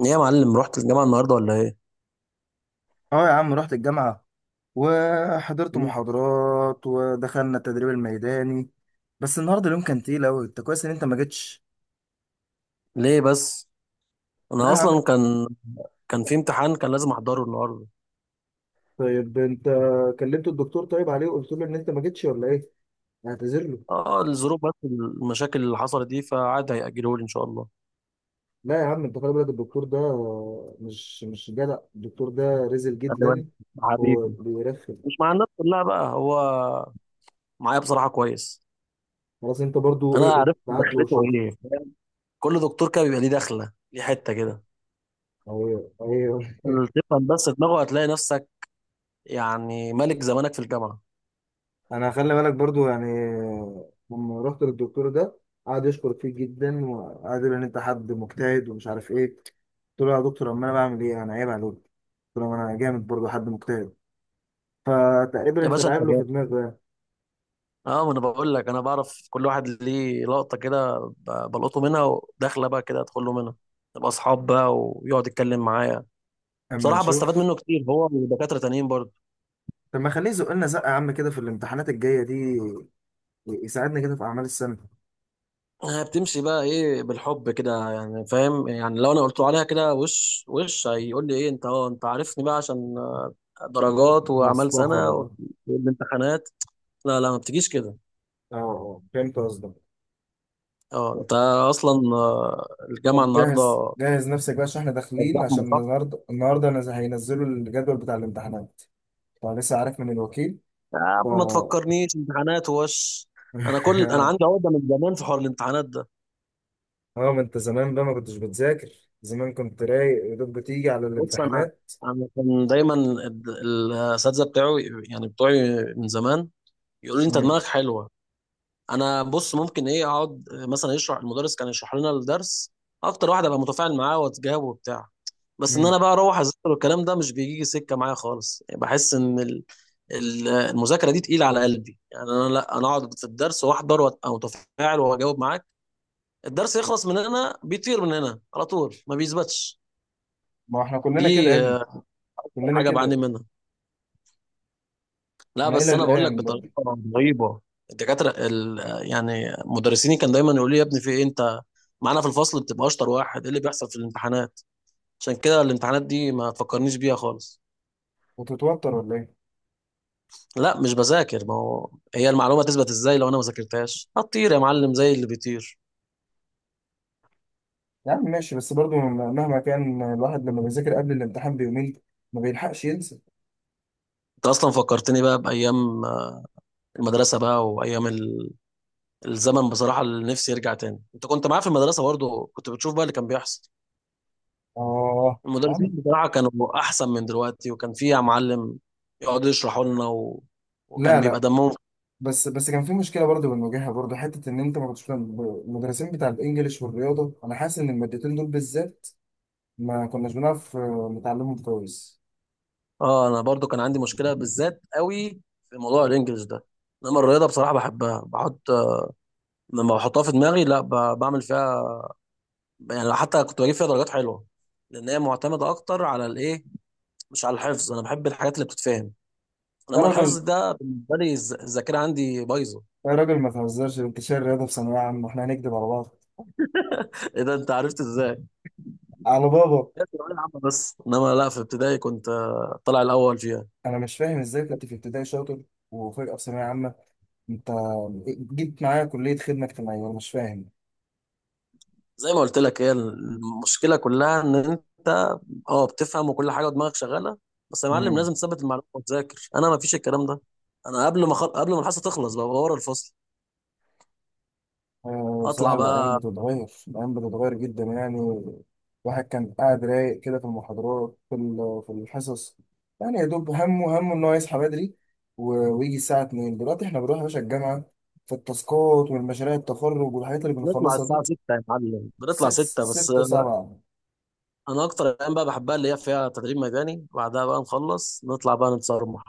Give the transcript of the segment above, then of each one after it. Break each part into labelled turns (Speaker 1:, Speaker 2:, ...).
Speaker 1: ايه يا معلم، رحت الجامعة النهاردة ولا ايه؟
Speaker 2: اه يا عم، رحت الجامعة وحضرت محاضرات ودخلنا التدريب الميداني. بس النهارده اليوم كان تقيل أوي. انت كويس ان انت ما جيتش.
Speaker 1: ليه بس؟
Speaker 2: لا
Speaker 1: انا
Speaker 2: يا عم.
Speaker 1: اصلا كان في امتحان كان لازم احضره النهاردة.
Speaker 2: طيب انت كلمت الدكتور طيب عليه وقلت له ان انت ما جيتش ولا ايه؟ اعتذر له.
Speaker 1: اه الظروف، بس المشاكل اللي حصلت دي فعاد هيأجله لي ان شاء الله.
Speaker 2: لا يا عم، انت خلي بالك الدكتور ده. مش جدع الدكتور ده، رزل
Speaker 1: خلي بالك
Speaker 2: جدا. هو
Speaker 1: حبيبي،
Speaker 2: بيرخم.
Speaker 1: مش مع الناس كلها بقى هو، معايا بصراحة كويس.
Speaker 2: خلاص انت برضو
Speaker 1: انا
Speaker 2: ايه،
Speaker 1: عرفت
Speaker 2: ابعت له
Speaker 1: دخلته،
Speaker 2: وشوف.
Speaker 1: ايه فاهم؟ كل دكتور كده بيبقى ليه دخلة، ليه حتة كده
Speaker 2: اهي اهي.
Speaker 1: تفهم بس دماغه، هتلاقي نفسك يعني ملك زمانك في الجامعة.
Speaker 2: انا خلي بالك برضو يعني لما رحت للدكتور ده، قعد يشكر فيه جدا وقعد يقول ان انت حد مجتهد ومش عارف ايه. قلت له يا دكتور، امال انا بعمل ايه؟ انا عيب عليك. قلت له ما انا جامد برضو حد مجتهد. فتقريبا
Speaker 1: يا
Speaker 2: انت
Speaker 1: باشا انت،
Speaker 2: لعب له في دماغه يعني.
Speaker 1: اه ما انا بقول لك، انا بعرف كل واحد ليه لقطه كده، بلقطه منها وداخله بقى كده ادخل له منها، نبقى اصحاب بقى ويقعد يتكلم معايا.
Speaker 2: اما
Speaker 1: بصراحه بستفاد
Speaker 2: نشوف.
Speaker 1: منه كتير، هو ودكاتره تانيين برضه.
Speaker 2: طب ما خليه يزق لنا زقه يا عم كده في الامتحانات الجايه دي، يساعدنا كده في اعمال السنه.
Speaker 1: بتمشي بقى ايه، بالحب كده يعني فاهم؟ يعني لو انا قلت له عليها كده وش وش، هيقول لي ايه؟ انت عارفني بقى، عشان درجات واعمال
Speaker 2: مصلحة
Speaker 1: سنه
Speaker 2: بقى.
Speaker 1: والامتحانات. لا لا، ما بتجيش كده.
Speaker 2: اه اه، فهمت قصدك.
Speaker 1: اه انت اصلا، الجامعه
Speaker 2: طب جهز
Speaker 1: النهارده
Speaker 2: جهز نفسك بقى عشان احنا
Speaker 1: كانت
Speaker 2: داخلين. عشان
Speaker 1: زحمه صح.
Speaker 2: النهارده هينزلوا الجدول بتاع الامتحانات. فلسه عارف من الوكيل.
Speaker 1: يا
Speaker 2: ف
Speaker 1: عم ما تفكرنيش امتحانات ووش، انا عندي عقده من زمان في حوار الامتحانات ده.
Speaker 2: اه ما انت زمان بقى ما كنتش بتذاكر. زمان كنت رايق، يا دوب بتيجي على
Speaker 1: بص انا
Speaker 2: الامتحانات.
Speaker 1: انا كان دايما الاساتذه بتاعه، يعني بتوعي من زمان، يقولوا لي انت
Speaker 2: مم.
Speaker 1: دماغك حلوه. انا بص، ممكن ايه اقعد مثلا، يشرح المدرس، كان يشرح لنا الدرس، اكتر واحد ابقى متفاعل معاه واتجاوب وبتاع. بس ان
Speaker 2: مم.
Speaker 1: انا بقى اروح اذاكر، والكلام ده مش بيجي سكه معايا خالص. يعني بحس ان المذاكره دي تقيله على قلبي، يعني انا، لا انا اقعد في الدرس واحضر وابقى متفاعل واجاوب معاه، الدرس يخلص من هنا بيطير من هنا على طول، ما بيثبتش.
Speaker 2: ما احنا كلنا كده يا
Speaker 1: دي
Speaker 2: ابني،
Speaker 1: أكتر
Speaker 2: كلنا
Speaker 1: حاجه بعاني
Speaker 2: كده.
Speaker 1: منها. لا
Speaker 2: انا الى
Speaker 1: بس انا بقول لك
Speaker 2: الان برضه
Speaker 1: بطريقه رهيبه، الدكاتره ال- آه، يعني مدرسيني كان دايما يقول لي يا ابني، في ايه انت؟ معانا في الفصل بتبقى اشطر واحد، ايه اللي بيحصل في الامتحانات؟ عشان كده الامتحانات دي ما تفكرنيش بيها خالص.
Speaker 2: بتتوتر ولا ايه؟
Speaker 1: لا مش بذاكر، ما هو هي المعلومه تثبت ازاي لو انا ما ذاكرتهاش؟ هتطير يا معلم زي اللي بيطير.
Speaker 2: يا عم ماشي، بس برضه مهما كان الواحد لما بيذاكر قبل الامتحان بيومين ما بيلحقش ينسى.
Speaker 1: انت اصلا فكرتني بقى بايام المدرسه بقى، وايام الزمن بصراحة، اللي نفسي يرجع تاني. انت كنت معاه في المدرسة برضه، كنت بتشوف بقى اللي كان بيحصل.
Speaker 2: اه يا
Speaker 1: المدرسين
Speaker 2: عم.
Speaker 1: بصراحة كانوا احسن من دلوقتي، وكان في معلم يقعد يشرحوا لنا
Speaker 2: لا
Speaker 1: وكان بيبقى
Speaker 2: لا.
Speaker 1: دمهم.
Speaker 2: بس كان في مشكله برضه بنواجهها برضه، حته ان انت ما كنتش بتعمل- المدرسين بتاع الانجليش والرياضه، انا حاسس ان المادتين دول بالذات ما كناش بنعرف نتعلمهم كويس.
Speaker 1: اه انا برضه كان عندي مشكلة بالذات قوي في موضوع الانجليش ده. انما الرياضة بصراحة بحبها، لما بحطها في دماغي، لا بعمل فيها يعني، حتى كنت بجيب فيها درجات حلوة، لان هي معتمدة اكتر على الايه، مش على الحفظ. انا بحب الحاجات اللي بتتفهم،
Speaker 2: يا
Speaker 1: انما الحفظ
Speaker 2: راجل
Speaker 1: ده بالنسبة لي، الذاكرة عندي بايظة.
Speaker 2: يا راجل، ما تهزرش. انتشار الرياضة في ثانوية عامة واحنا هنكدب على بعض؟
Speaker 1: ايه ده، انت عرفت ازاي؟
Speaker 2: على بابا.
Speaker 1: هي ثانوية عامة بس، انما لا في ابتدائي كنت طالع الاول فيها.
Speaker 2: انا مش فاهم ازاي كنت في ابتدائي شاطر وفجأة في ثانوية عامة. انت جيت معايا كلية خدمة اجتماعية، انا مش فاهم.
Speaker 1: زي ما قلت لك، هي المشكله كلها ان انت اه بتفهم وكل حاجه ودماغك شغاله، بس يا معلم
Speaker 2: مم.
Speaker 1: لازم تثبت المعلومه وتذاكر، انا ما فيش الكلام ده. انا قبل ما الحصه تخلص بقى، ورا الفصل
Speaker 2: بصراحة
Speaker 1: اطلع
Speaker 2: الأيام
Speaker 1: بقى.
Speaker 2: بتتغير، الأيام بتتغير جدا يعني. الواحد كان قاعد رايق كده في المحاضرات، في الحصص. يعني يا دوب همه همه إن هو يصحى بدري ويجي الساعة 2. دلوقتي إحنا بنروح يا باشا الجامعة في التاسكات والمشاريع، التخرج والحاجات اللي
Speaker 1: نطلع
Speaker 2: بنخلصها دي.
Speaker 1: الساعه 6 يا معلم، بنطلع
Speaker 2: ست،
Speaker 1: 6 بس.
Speaker 2: ست سبعة.
Speaker 1: انا اكتر الايام بقى بحبها، اللي هي فيها تدريب ميداني، بعدها بقى نخلص نطلع بقى نتصرمح.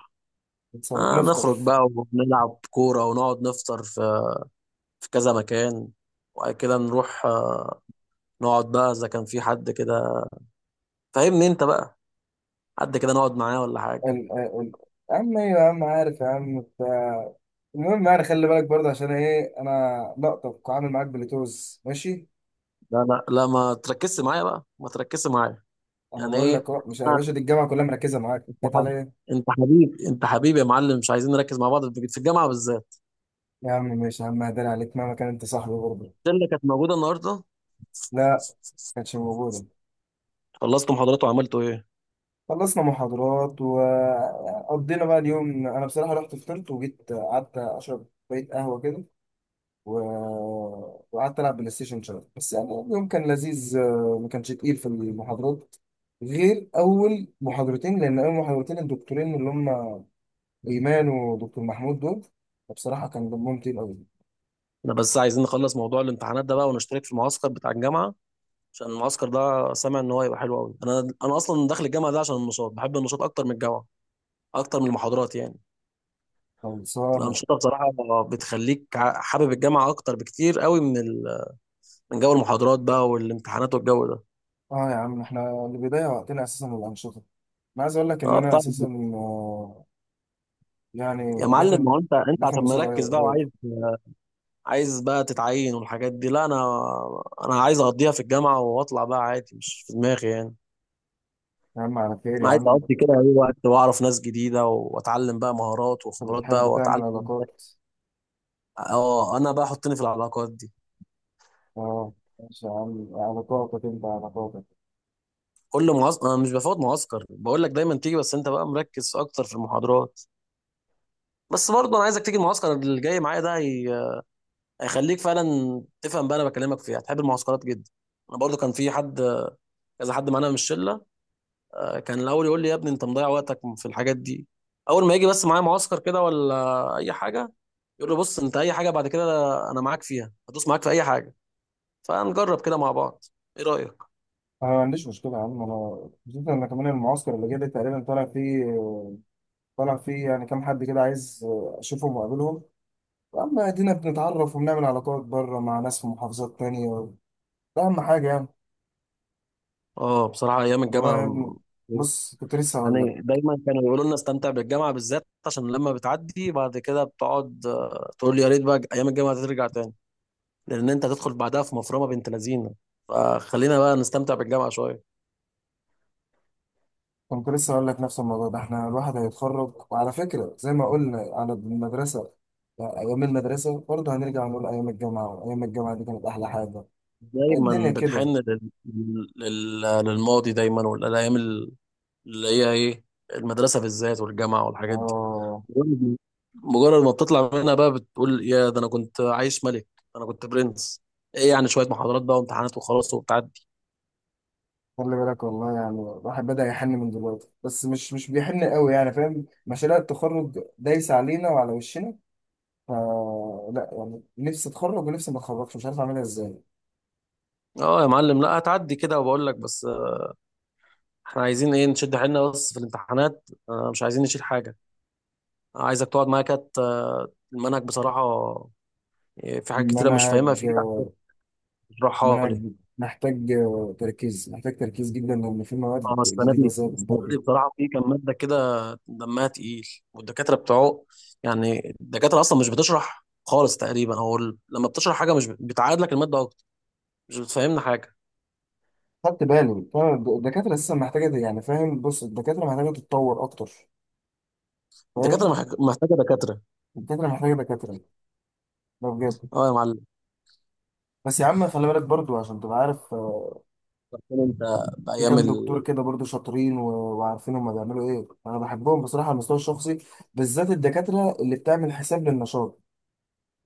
Speaker 2: بنتصرف بنفطر.
Speaker 1: نخرج بقى ونلعب كوره، ونقعد نفطر في كذا مكان، وبعد كده نروح نقعد بقى، إذا كان في حد كده فاهمني أنت بقى، حد كده نقعد معاه ولا حاجة.
Speaker 2: ال- ال- ال- أما إيه يا عم، عارف يا عم بتاع. المهم يعني خلي بالك برضه، عشان إيه؟ أنا لقطك وعامل معاك بلوتوز ماشي.
Speaker 1: لا لا لا، ما تركزش معايا بقى، ما تركزش معايا.
Speaker 2: انا
Speaker 1: يعني
Speaker 2: بقول لك
Speaker 1: إيه؟
Speaker 2: أهو، مش يا
Speaker 1: أنا-
Speaker 2: باشا دي الجامعه كلها مركزه معاك.
Speaker 1: أنت
Speaker 2: جت عليا
Speaker 1: حبيبي،
Speaker 2: إيه؟
Speaker 1: أنت حبيبي، أنت حبيبي يا معلم، مش عايزين نركز مع بعض في الجامعة بالذات.
Speaker 2: يا عم ماشي يا عم، هداري عليك مهما كان انت صاحبي برضه.
Speaker 1: الشلة كانت موجودة النهاردة،
Speaker 2: لا، ما كانتش موجوده.
Speaker 1: خلصتوا محاضرات وعملتوا ايه؟
Speaker 2: خلصنا محاضرات وقضينا بقى اليوم. انا بصراحه رحت فطرت وجيت قعدت اشرب شويه قهوه كده و... وقعدت العب بلاي ستيشن شويه. بس يعني اليوم كان لذيذ، ما كانش تقيل في المحاضرات غير اول محاضرتين، لان اول محاضرتين الدكتورين اللي هم ايمان ودكتور محمود دول بصراحه كان دمهم تقيل قوي.
Speaker 1: انا بس عايزين نخلص موضوع الامتحانات ده بقى، ونشترك في المعسكر بتاع الجامعه، عشان المعسكر ده سامع ان هو هيبقى حلو قوي. انا اصلا داخل الجامعه ده عشان النشاط، بحب النشاط اكتر من الجامعه، اكتر من المحاضرات يعني.
Speaker 2: خلصانه.
Speaker 1: الأنشطة بصراحة بتخليك حابب الجامعة أكتر بكتير قوي، من جو المحاضرات بقى، والامتحانات والجو ده.
Speaker 2: اه يا عم، احنا البداية وقتنا اساسا الانشطة. انا عايز اقول لك ان
Speaker 1: اه
Speaker 2: انا
Speaker 1: طبعا.
Speaker 2: اساسا آه،
Speaker 1: يا
Speaker 2: يعني
Speaker 1: معلم، ما هو انت
Speaker 2: داخل
Speaker 1: عشان
Speaker 2: مسابقة
Speaker 1: مركز بقى،
Speaker 2: قريب.
Speaker 1: وعايز بقى تتعين والحاجات دي. لا انا عايز اقضيها في الجامعة واطلع بقى عادي، مش في دماغي يعني.
Speaker 2: يا عم على خير
Speaker 1: انا
Speaker 2: يا
Speaker 1: عايز
Speaker 2: عم.
Speaker 1: اقضي كده اي وقت، واعرف ناس جديدة، واتعلم بقى مهارات
Speaker 2: انت
Speaker 1: وخبرات
Speaker 2: بتحب
Speaker 1: بقى،
Speaker 2: تعمل
Speaker 1: واتعلم.
Speaker 2: علاقات.
Speaker 1: اه انا بقى حطني في العلاقات دي.
Speaker 2: اه ماشي يا عم، علاقاتك انت علاقاتك.
Speaker 1: كل معسكر انا مش بفوت معسكر، بقول لك دايما تيجي، بس انت بقى مركز اكتر في المحاضرات، بس برضه انا عايزك تيجي المعسكر اللي جاي معايا ده، هيخليك فعلا تفهم بقى، انا بكلمك فيها هتحب المعسكرات جدا. انا برضه كان في حد، كذا حد معانا من الشله، كان الاول يقول لي يا ابني انت مضيع وقتك في الحاجات دي، اول ما يجي بس معايا معسكر كده ولا اي حاجه، يقول لي بص انت اي حاجه بعد كده، انا معاك فيها، هدوس معاك في اي حاجه. فنجرب كده مع بعض، ايه رايك؟
Speaker 2: انا ما عنديش مشكلة يا عم، انا خصوصا ان كمان المعسكر اللي جاي ده تقريبا طالع فيه. طالع فيه يعني كام حد كده عايز اشوفهم واقابلهم. يا عم ادينا بنتعرف وبنعمل علاقات بره مع ناس في محافظات تانية. ده اهم حاجة يعني.
Speaker 1: اه بصراحه ايام الجامعه،
Speaker 2: والله يا ابني، بص كنت لسه هقول لك.
Speaker 1: يعني دايما كانوا يقولوا لنا استمتع بالجامعة بالذات، عشان لما بتعدي بعد كده بتقعد تقول يا ريت بقى أيام الجامعة ترجع تاني، لأن أنت هتدخل بعدها في مفرمة بنت لذينة، فخلينا بقى نستمتع بالجامعة شوية.
Speaker 2: كنت لسه أقول لك نفس الموضوع ده. إحنا الواحد هيتخرج، وعلى فكرة زي ما قلنا على المدرسة يعني أيام المدرسة، برضه هنرجع نقول أيام الجامعة. أيام الجامعة دي كانت أحلى حاجة.
Speaker 1: دايما
Speaker 2: الدنيا
Speaker 1: بنحن
Speaker 2: كده.
Speaker 1: للماضي دايما، والأيام اللي هي إيه، المدرسة بالذات، والجامعة والحاجات دي،
Speaker 2: آه.
Speaker 1: مجرد مجرد ما بتطلع منها بقى بتقول يا ده، أنا كنت عايش ملك، أنا كنت برنس، إيه يعني شوية محاضرات بقى وامتحانات وخلاص وبتاع.
Speaker 2: خلي بالك والله، يعني الواحد بدأ يحن من دلوقتي بس مش بيحن قوي يعني فاهم. مشاريع التخرج دايسة علينا وعلى وشنا. ف لا يعني نفسي أتخرج ونفسي ما أتخرجش، مش عارف أعملها إزاي.
Speaker 1: اه يا معلم، لا هتعدي كده. وبقول لك بس، احنا عايزين ايه نشد حيلنا بس في الامتحانات، مش عايزين نشيل حاجه. عايزك تقعد معايا كده، المنهج بصراحه، في حاجات كتيره مش فاهمها
Speaker 2: المنهج
Speaker 1: فيه، عايزك تشرحها
Speaker 2: منهج
Speaker 1: لي.
Speaker 2: محتاج تركيز. محتاج تركيز جدا، لان في مواد
Speaker 1: اه السنه
Speaker 2: جديده
Speaker 1: دي
Speaker 2: زي
Speaker 1: السنه
Speaker 2: برضه.
Speaker 1: دي بصراحه في كام ماده كده دمها تقيل، والدكاتره بتوعه، يعني الدكاتره اصلا مش بتشرح خالص تقريبا، لما بتشرح حاجه، مش بتعاد لك الماده اكتر، مش بتفهمنا حاجه.
Speaker 2: خدت بالي فعلا الدكاترة لسه محتاجة يعني فاهم. بص الدكاترة محتاجة تتطور أكتر،
Speaker 1: الدكاتره
Speaker 2: فاهم.
Speaker 1: محتاجه دكاتره.
Speaker 2: الدكاترة محتاجة دكاترة، ده بجد.
Speaker 1: اه يا معلم،
Speaker 2: بس يا عم خلي بالك برضو عشان تبقى عارف،
Speaker 1: كان انت
Speaker 2: في
Speaker 1: بايام
Speaker 2: كام دكتور كده برضو شاطرين وعارفين هما بيعملوا إيه. أنا بحبهم بصراحة على المستوى الشخصي، بالذات الدكاترة اللي بتعمل حساب للنشاط.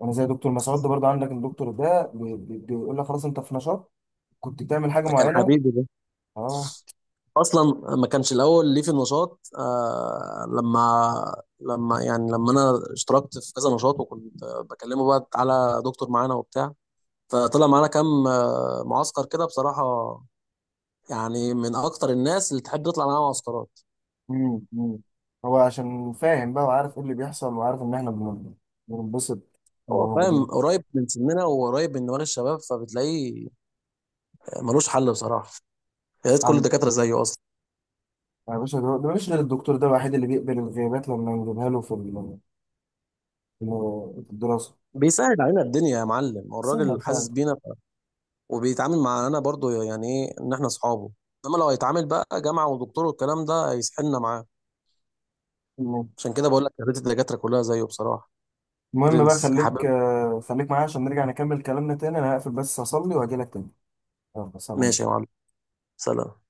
Speaker 2: أنا زي دكتور مسعود ده برضو عندك. الدكتور ده بيقول لك خلاص أنت في نشاط، كنت بتعمل حاجة
Speaker 1: ده كان
Speaker 2: معينة.
Speaker 1: حبيبي ده
Speaker 2: أه.
Speaker 1: اصلا، ما كانش الاول ليه في النشاط، لما يعني لما انا اشتركت في كذا نشاط، وكنت بكلمه بقى على دكتور معانا وبتاع، فطلع معانا كام معسكر كده بصراحه. يعني من اكتر الناس اللي تحب تطلع معاها معسكرات،
Speaker 2: مم. مم. هو عشان فاهم بقى وعارف ايه اللي بيحصل، وعارف ان احنا بننبسط
Speaker 1: هو فاهم،
Speaker 2: وموجودين.
Speaker 1: قريب من سننا وقريب من دماغ الشباب، فبتلاقيه ملوش حل بصراحه. يا ريت كل
Speaker 2: عم،
Speaker 1: الدكاتره زيه اصلا،
Speaker 2: يا باشا ده مش غير الدكتور ده الوحيد اللي بيقبل الغيابات لما نجيبها له في الدراسة.
Speaker 1: بيسهل علينا الدنيا يا معلم،
Speaker 2: سهل
Speaker 1: والراجل حاسس
Speaker 2: فاهم.
Speaker 1: بينا، وبيتعامل معانا برضو يعني، ايه ان احنا اصحابه. انما لو هيتعامل بقى جامعه ودكتور والكلام ده، هيسحلنا معاه.
Speaker 2: المهم
Speaker 1: عشان كده بقول لك، يا ريت الدكاتره كلها زيه بصراحه.
Speaker 2: المهم بقى
Speaker 1: برنس يا حبيبي،
Speaker 2: خليك، خليك معايا عشان نرجع نكمل كلامنا تاني. انا هقفل بس اصلي واجي لك تاني. يلا
Speaker 1: ماشي يا
Speaker 2: سلام.
Speaker 1: معلم، سلام.